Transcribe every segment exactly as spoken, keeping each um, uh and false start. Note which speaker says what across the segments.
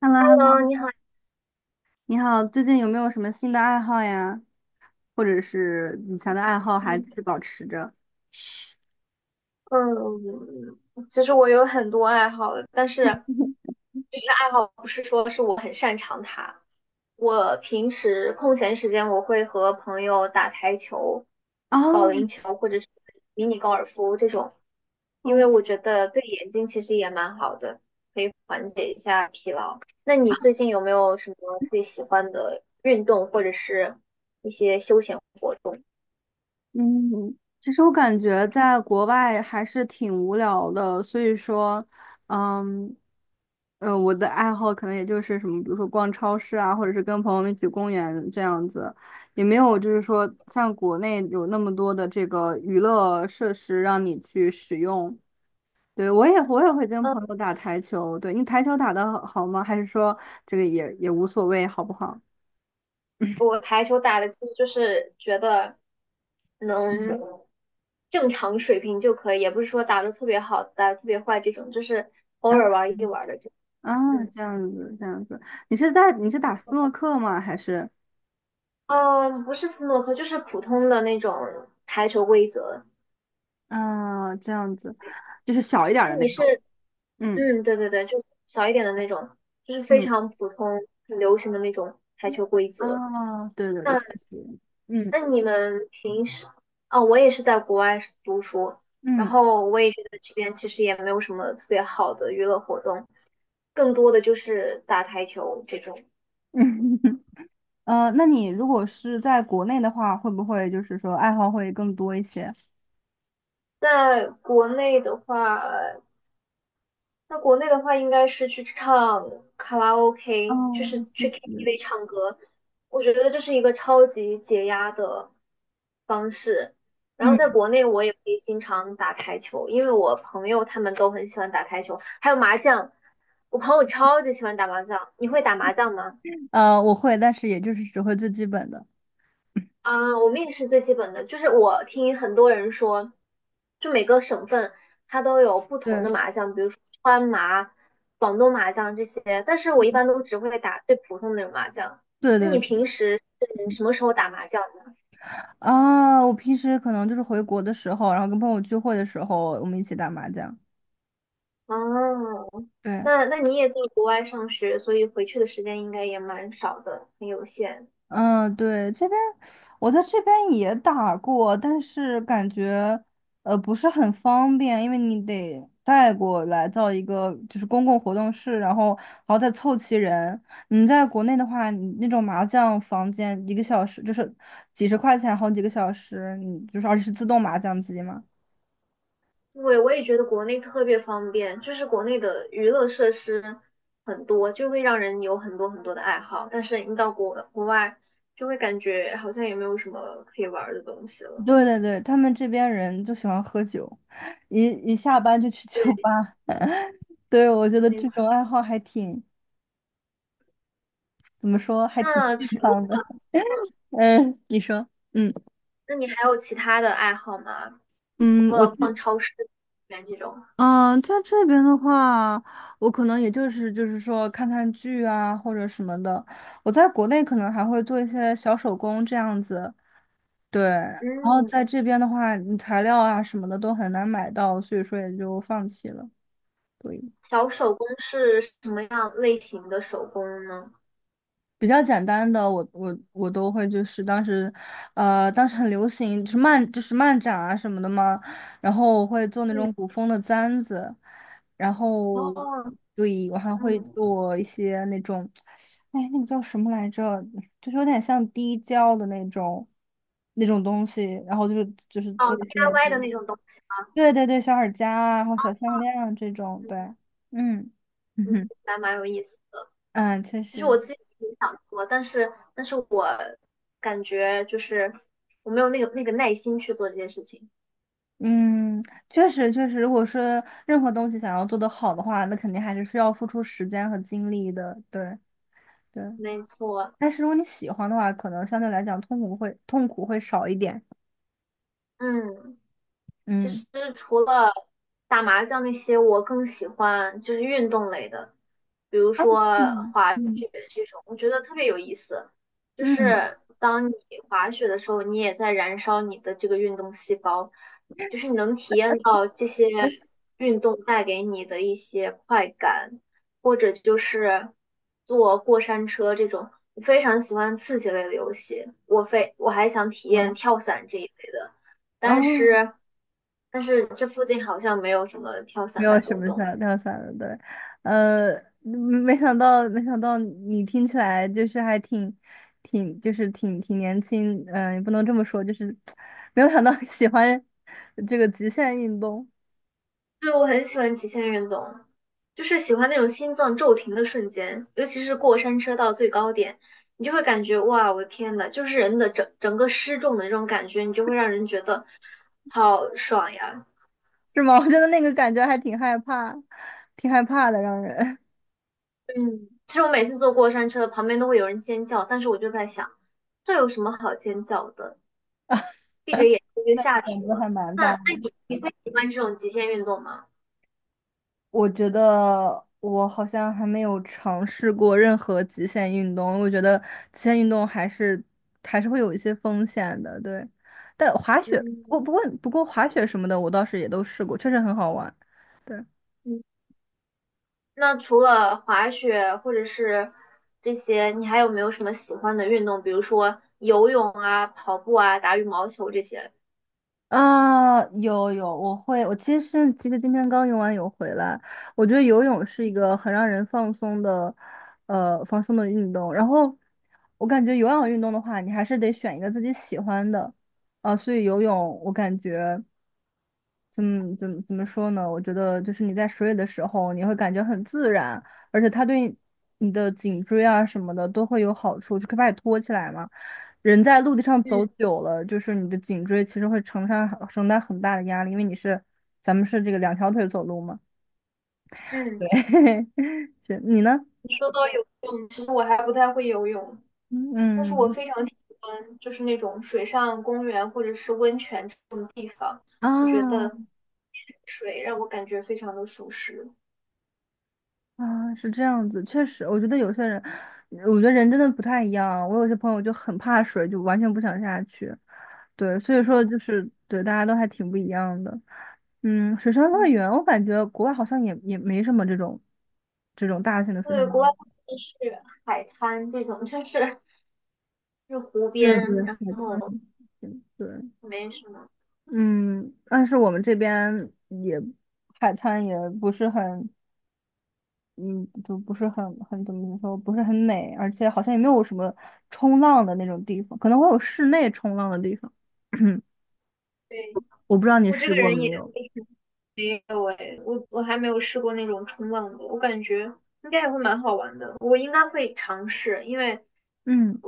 Speaker 1: h e l l o h e l l
Speaker 2: 嗯，你好，
Speaker 1: o 你好，最近有没有什么新的爱好呀？或者是以前的爱好还是保持着？
Speaker 2: 嗯，其实我有很多爱好的，但是其实爱好不是说是我很，我平时空闲时间我会和朋友打台球、保
Speaker 1: 哦，
Speaker 2: 龄球或者是迷你高尔夫这种，因为
Speaker 1: 哦，
Speaker 2: 我觉得对眼睛其实也蛮好的，可以缓解一下疲劳。那你最近有没有什么特别喜欢的运动或者是一些休闲活动？
Speaker 1: 嗯，其实我感觉在国外还是挺无聊的，所以说，嗯，呃，我的爱好可能也就是什么，比如说逛超市啊，或者是跟朋友们一起去公园这样子，也没有就是说像国内有那么多的这个娱乐设施让你去使用。对，我也我也会跟朋
Speaker 2: 嗯。
Speaker 1: 友打台球。对，你台球打得好好吗？还是说这个也也无所谓，好不好？
Speaker 2: 我台球打的，就是觉得
Speaker 1: 嗯，
Speaker 2: 能正常水平就可以，也不是说打的特别好，打的特别坏这种，就是偶
Speaker 1: 啊
Speaker 2: 尔玩一玩的这种。
Speaker 1: 啊，
Speaker 2: 嗯，
Speaker 1: 这样子，这样子，你是在你是打斯诺克吗？还是
Speaker 2: 呃，不是斯诺克，就是普通的那种台球规则。
Speaker 1: 啊这样子，就是小一点儿
Speaker 2: 那
Speaker 1: 的那
Speaker 2: 你
Speaker 1: 种。
Speaker 2: 是，
Speaker 1: 嗯
Speaker 2: 嗯，对对对，就小一点的那种，就是非
Speaker 1: 嗯
Speaker 2: 常普通、很流行的那种台球规则。
Speaker 1: 啊，对对对，
Speaker 2: 那
Speaker 1: 确实，嗯
Speaker 2: 那你们平时，哦，我也是在国外是读书，然
Speaker 1: 嗯
Speaker 2: 后我也觉得这边其实也没有什么特别好的娱乐活动，更多的就是打台球这种。
Speaker 1: 嗯，呃，那你如果是在国内的话，会不会就是说爱好会更多一些？
Speaker 2: 在国内的话，那国内的话，应该是去唱卡拉
Speaker 1: 哦，
Speaker 2: OK，就是
Speaker 1: 确
Speaker 2: 去
Speaker 1: 实，
Speaker 2: K T V 唱歌。我觉得这是一个超级解压的方式。然后在
Speaker 1: 嗯
Speaker 2: 国内，我也会经常打台球，因为我朋友他们都很喜欢打台球，还有麻将。我朋友超级喜欢打麻将，你会打麻将吗？
Speaker 1: 呃，我会，但是也就是只会最基本的。
Speaker 2: 啊，我们也是最基本的，就是我听很多人说，就每个省份它都有不同的
Speaker 1: 对
Speaker 2: 麻将，比如说川麻、广东麻将这些，但是我一般都只会打最普通的那种麻将。
Speaker 1: 对
Speaker 2: 那你
Speaker 1: 对
Speaker 2: 平时是什么时候打麻将的？
Speaker 1: 啊！我平时可能就是回国的时候，然后跟朋友聚会的时候，我们一起打麻将。
Speaker 2: 哦，
Speaker 1: 对，
Speaker 2: 那那你也在国外上学，所以回去的时间应该也蛮少的，很有限。
Speaker 1: 嗯，对，这边我在这边也打过，但是感觉呃不是很方便，因为你得带过来到一个就是公共活动室，然后然后再凑齐人。你在国内的话，你那种麻将房间一个小时就是几十块钱，好几个小时，你就是而且是自动麻将机嘛。
Speaker 2: 对，我也觉得国内特别方便，就是国内的娱乐设施很多，就会让人有很多很多的爱好。但是你到国国外，就会感觉好像也没有什么可以玩儿的东西了。
Speaker 1: 对对对，他们这边人就喜欢喝酒，一一下班就去酒
Speaker 2: 对，
Speaker 1: 吧。对，我觉得
Speaker 2: 没
Speaker 1: 这
Speaker 2: 错。
Speaker 1: 种爱好还挺，怎么说，还挺
Speaker 2: 那
Speaker 1: 健
Speaker 2: 除
Speaker 1: 康的。嗯，你说，嗯
Speaker 2: 那你还有其他的爱好吗？
Speaker 1: 嗯，
Speaker 2: 除
Speaker 1: 我
Speaker 2: 了
Speaker 1: 其
Speaker 2: 逛超市、园这种，
Speaker 1: 嗯，在这边的话，我可能也就是就是说看看剧啊或者什么的。我在国内可能还会做一些小手工这样子，对。然后
Speaker 2: 嗯，
Speaker 1: 在这边的话，你材料啊什么的都很难买到，所以说也就放弃了。对。
Speaker 2: 小手工是什么样类型的手工呢？
Speaker 1: 比较简单的，我我我都会，就是当时，呃，当时很流行，就是漫就是漫展啊什么的嘛，然后我会做那种
Speaker 2: 嗯，
Speaker 1: 古风的簪子，然后
Speaker 2: 哦，
Speaker 1: 对，我还会
Speaker 2: 嗯，
Speaker 1: 做一些那种，哎，那个叫什么来着？就是有点像滴胶的那种那种东西，然后就是就是
Speaker 2: 哦
Speaker 1: 做一些，
Speaker 2: ，D I Y 的那种东西吗？
Speaker 1: 对对对，小耳夹啊，然后小项链啊这种，
Speaker 2: 嗯，
Speaker 1: 对，嗯 嗯
Speaker 2: 你听
Speaker 1: 哼，
Speaker 2: 起来蛮有意思。
Speaker 1: 嗯，确
Speaker 2: 其实
Speaker 1: 实。
Speaker 2: 我自己也想做，但是但是我感觉就是我没有那个那个耐心去做这件事情。
Speaker 1: 嗯，确实确实，如果说任何东西想要做得好的话，那肯定还是需要付出时间和精力的。对对，
Speaker 2: 没错，
Speaker 1: 但是如果你喜欢的话，可能相对来讲痛苦会痛苦会少一点。
Speaker 2: 嗯。其
Speaker 1: 嗯，
Speaker 2: 实除了打麻将那些，我更喜欢就是运动类的，比如
Speaker 1: 啊，
Speaker 2: 说
Speaker 1: 嗯
Speaker 2: 滑雪
Speaker 1: 嗯
Speaker 2: 这种，我觉得特别有意思。就
Speaker 1: 嗯，
Speaker 2: 是当你滑雪的时候，你也在燃烧你的这个运动细胞，就是你能体验到这些
Speaker 1: 哎
Speaker 2: 运动带给你的一些快感，或者就是坐过山车这种，我非常喜欢刺激类的游戏。我非我还想体验跳伞这一类的。但
Speaker 1: 哦，
Speaker 2: 是但是这附近好像没有什么跳
Speaker 1: 没
Speaker 2: 伞的
Speaker 1: 有什
Speaker 2: 活
Speaker 1: 么想
Speaker 2: 动。
Speaker 1: 有想的，对，呃，嗯没想到没想到你听起来就是还挺挺就是挺挺年轻，嗯、也不能这么说，就是 没有想到喜欢这个极限运动。
Speaker 2: 对，我很喜欢极限运动，就是喜欢那种心脏骤停的瞬间，尤其是过山车到最高点，你就会感觉哇，我的天呐，就是人的整整个失重的这种感觉，你就会让人觉得好爽呀。
Speaker 1: 是吗？我觉得那个感觉还挺害怕，挺害怕的，让人
Speaker 2: 嗯，其实我每次坐过山车，旁边都会有人尖叫，但是我就在想，这有什么好尖叫的？闭着眼睛 就
Speaker 1: 那个
Speaker 2: 下
Speaker 1: 胆
Speaker 2: 去
Speaker 1: 子
Speaker 2: 了。
Speaker 1: 还蛮
Speaker 2: 那
Speaker 1: 大
Speaker 2: 那
Speaker 1: 的。
Speaker 2: 你你会喜欢这种极限运动吗？
Speaker 1: 我觉得我好像还没有尝试过任何极限运动，我觉得极限运动还是还是会有一些风险的，对。但滑雪，
Speaker 2: 嗯
Speaker 1: 不过不过不过滑雪什么的，我倒是也都试过，确实很好玩。对。
Speaker 2: 嗯，那除了滑雪或者是这些，你还有没有什么喜欢的运动？比如说游泳啊、跑步啊、打羽毛球这些。
Speaker 1: 啊，有有，我会，我其实其实今天刚游完泳回来，我觉得游泳是一个很让人放松的，呃，放松的运动。然后我感觉有氧运动的话，你还是得选一个自己喜欢的，啊，所以游泳我感觉。怎么怎么怎么说呢？我觉得就是你在水里的时候，你会感觉很自然，而且它对你的颈椎啊什么的都会有好处，就可以把你托起来嘛。人在陆地上走
Speaker 2: 嗯
Speaker 1: 久了，就是你的颈椎其实会承上承担很大的压力，因为你是咱们是这个两条腿走路嘛。
Speaker 2: 嗯，
Speaker 1: 是你呢？
Speaker 2: 你说到游泳，其实我还不太会游泳，但是我
Speaker 1: 嗯
Speaker 2: 非常喜欢就是那种水上公园或者是温泉这种地方，我觉
Speaker 1: 啊，
Speaker 2: 得水让我感觉非常的舒适。
Speaker 1: 啊，是这样子，确实，我觉得有些人，我觉得人真的不太一样。我有些朋友就很怕水，就完全不想下去。对，所以说就是对，大家都还挺不一样的。嗯，水上乐
Speaker 2: 嗯，
Speaker 1: 园，我感觉国外好像也也没什么这种这种大型的水上
Speaker 2: 对，
Speaker 1: 乐
Speaker 2: 国外
Speaker 1: 园。
Speaker 2: 就是海滩这种，就是是湖
Speaker 1: 对
Speaker 2: 边，
Speaker 1: 对，
Speaker 2: 然
Speaker 1: 海滩。
Speaker 2: 后
Speaker 1: 对，
Speaker 2: 没什么。
Speaker 1: 嗯，但是我们这边也海滩也不是很。嗯，就不是很很怎么说，不是很美，而且好像也没有什么冲浪的那种地方，可能会有室内冲浪的地方。
Speaker 2: 对
Speaker 1: 我不知道你
Speaker 2: 我这
Speaker 1: 试
Speaker 2: 个
Speaker 1: 过
Speaker 2: 人
Speaker 1: 没
Speaker 2: 也。
Speaker 1: 有？
Speaker 2: 没有诶，我我还没有试过那种冲浪的，我感觉应该也会蛮好玩的，我应该会尝试，因为
Speaker 1: 嗯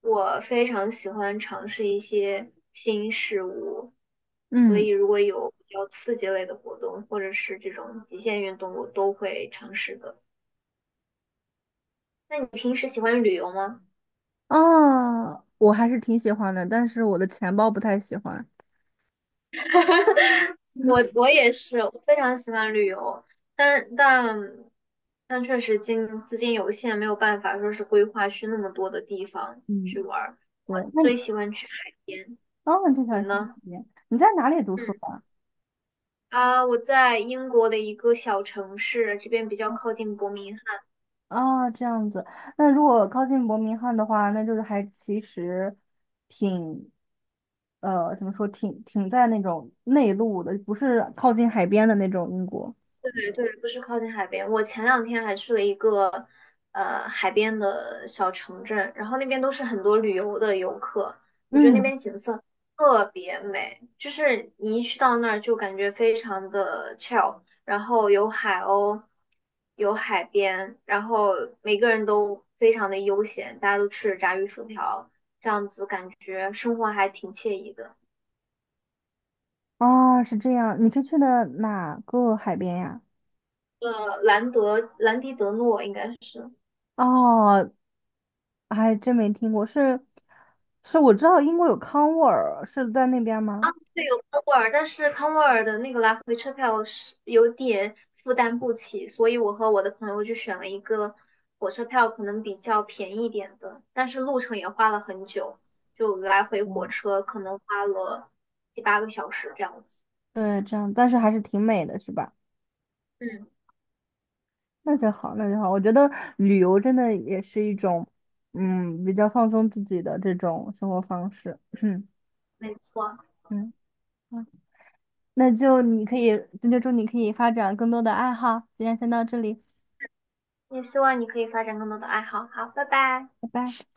Speaker 2: 我非常喜欢尝试一些新事物，所以
Speaker 1: 嗯，
Speaker 2: 如果有比较刺激类的活动，或者是这种极限运动，我都会尝试的。那你平时喜欢旅游吗？
Speaker 1: 哦，我还是挺喜欢的，但是我的钱包不太喜欢。嗯，
Speaker 2: 我我也是，我非常喜欢旅游，但但但确实金资金有限，没有办法说是规划去那么多的地方去
Speaker 1: 嗯
Speaker 2: 玩儿。我
Speaker 1: 对，那
Speaker 2: 最
Speaker 1: 你，
Speaker 2: 喜欢去海边，
Speaker 1: 哦，你就
Speaker 2: 你
Speaker 1: 想下次
Speaker 2: 呢？
Speaker 1: 体验你在哪里读书
Speaker 2: 嗯
Speaker 1: 的？
Speaker 2: 啊，我在英国的一个小城市，这边比较靠近伯明
Speaker 1: 哦，这样子。那如果靠近伯明翰的话，那就是还其实挺，呃，怎么说，挺挺在那种内陆的，不是靠近海边的那种英国。
Speaker 2: 对，不是靠近海边。我前两天还去了一个呃海边的小城镇，然后那边都是很多旅游的游客，我觉得那
Speaker 1: 嗯，
Speaker 2: 边景色特别美，就是你一去到那儿就感觉非常的 chill，然后有海鸥，有海边，然后每个人都非常的悠闲，大家都吃着炸鱼薯条，这样子感觉生活还挺惬意的。
Speaker 1: 哦，是这样。你是去的哪个海边呀？
Speaker 2: 呃，兰德兰迪德诺应该是。
Speaker 1: 哦，还真没听过。是，是我知道英国有康沃尔，是在那边吗？
Speaker 2: 对，有康沃尔，但是康沃尔的那个来回车票是有点负担不起，所以我和我的朋友就选了一个火车票可能比较便宜一点的，但是路程也花了很久，就来回火
Speaker 1: 嗯，
Speaker 2: 车可能花了七八个小时这样子。
Speaker 1: 对，这样，但是还是挺美的，是吧？
Speaker 2: 嗯，
Speaker 1: 那就好，那就好。我觉得旅游真的也是一种，嗯，比较放松自己的这种生活方式。嗯
Speaker 2: 没错，
Speaker 1: 嗯，好那就你可以，那就祝你可以发展更多的爱好。今天先到这里，
Speaker 2: 也希望你可以发展更多的爱好。好，拜拜。
Speaker 1: 拜拜。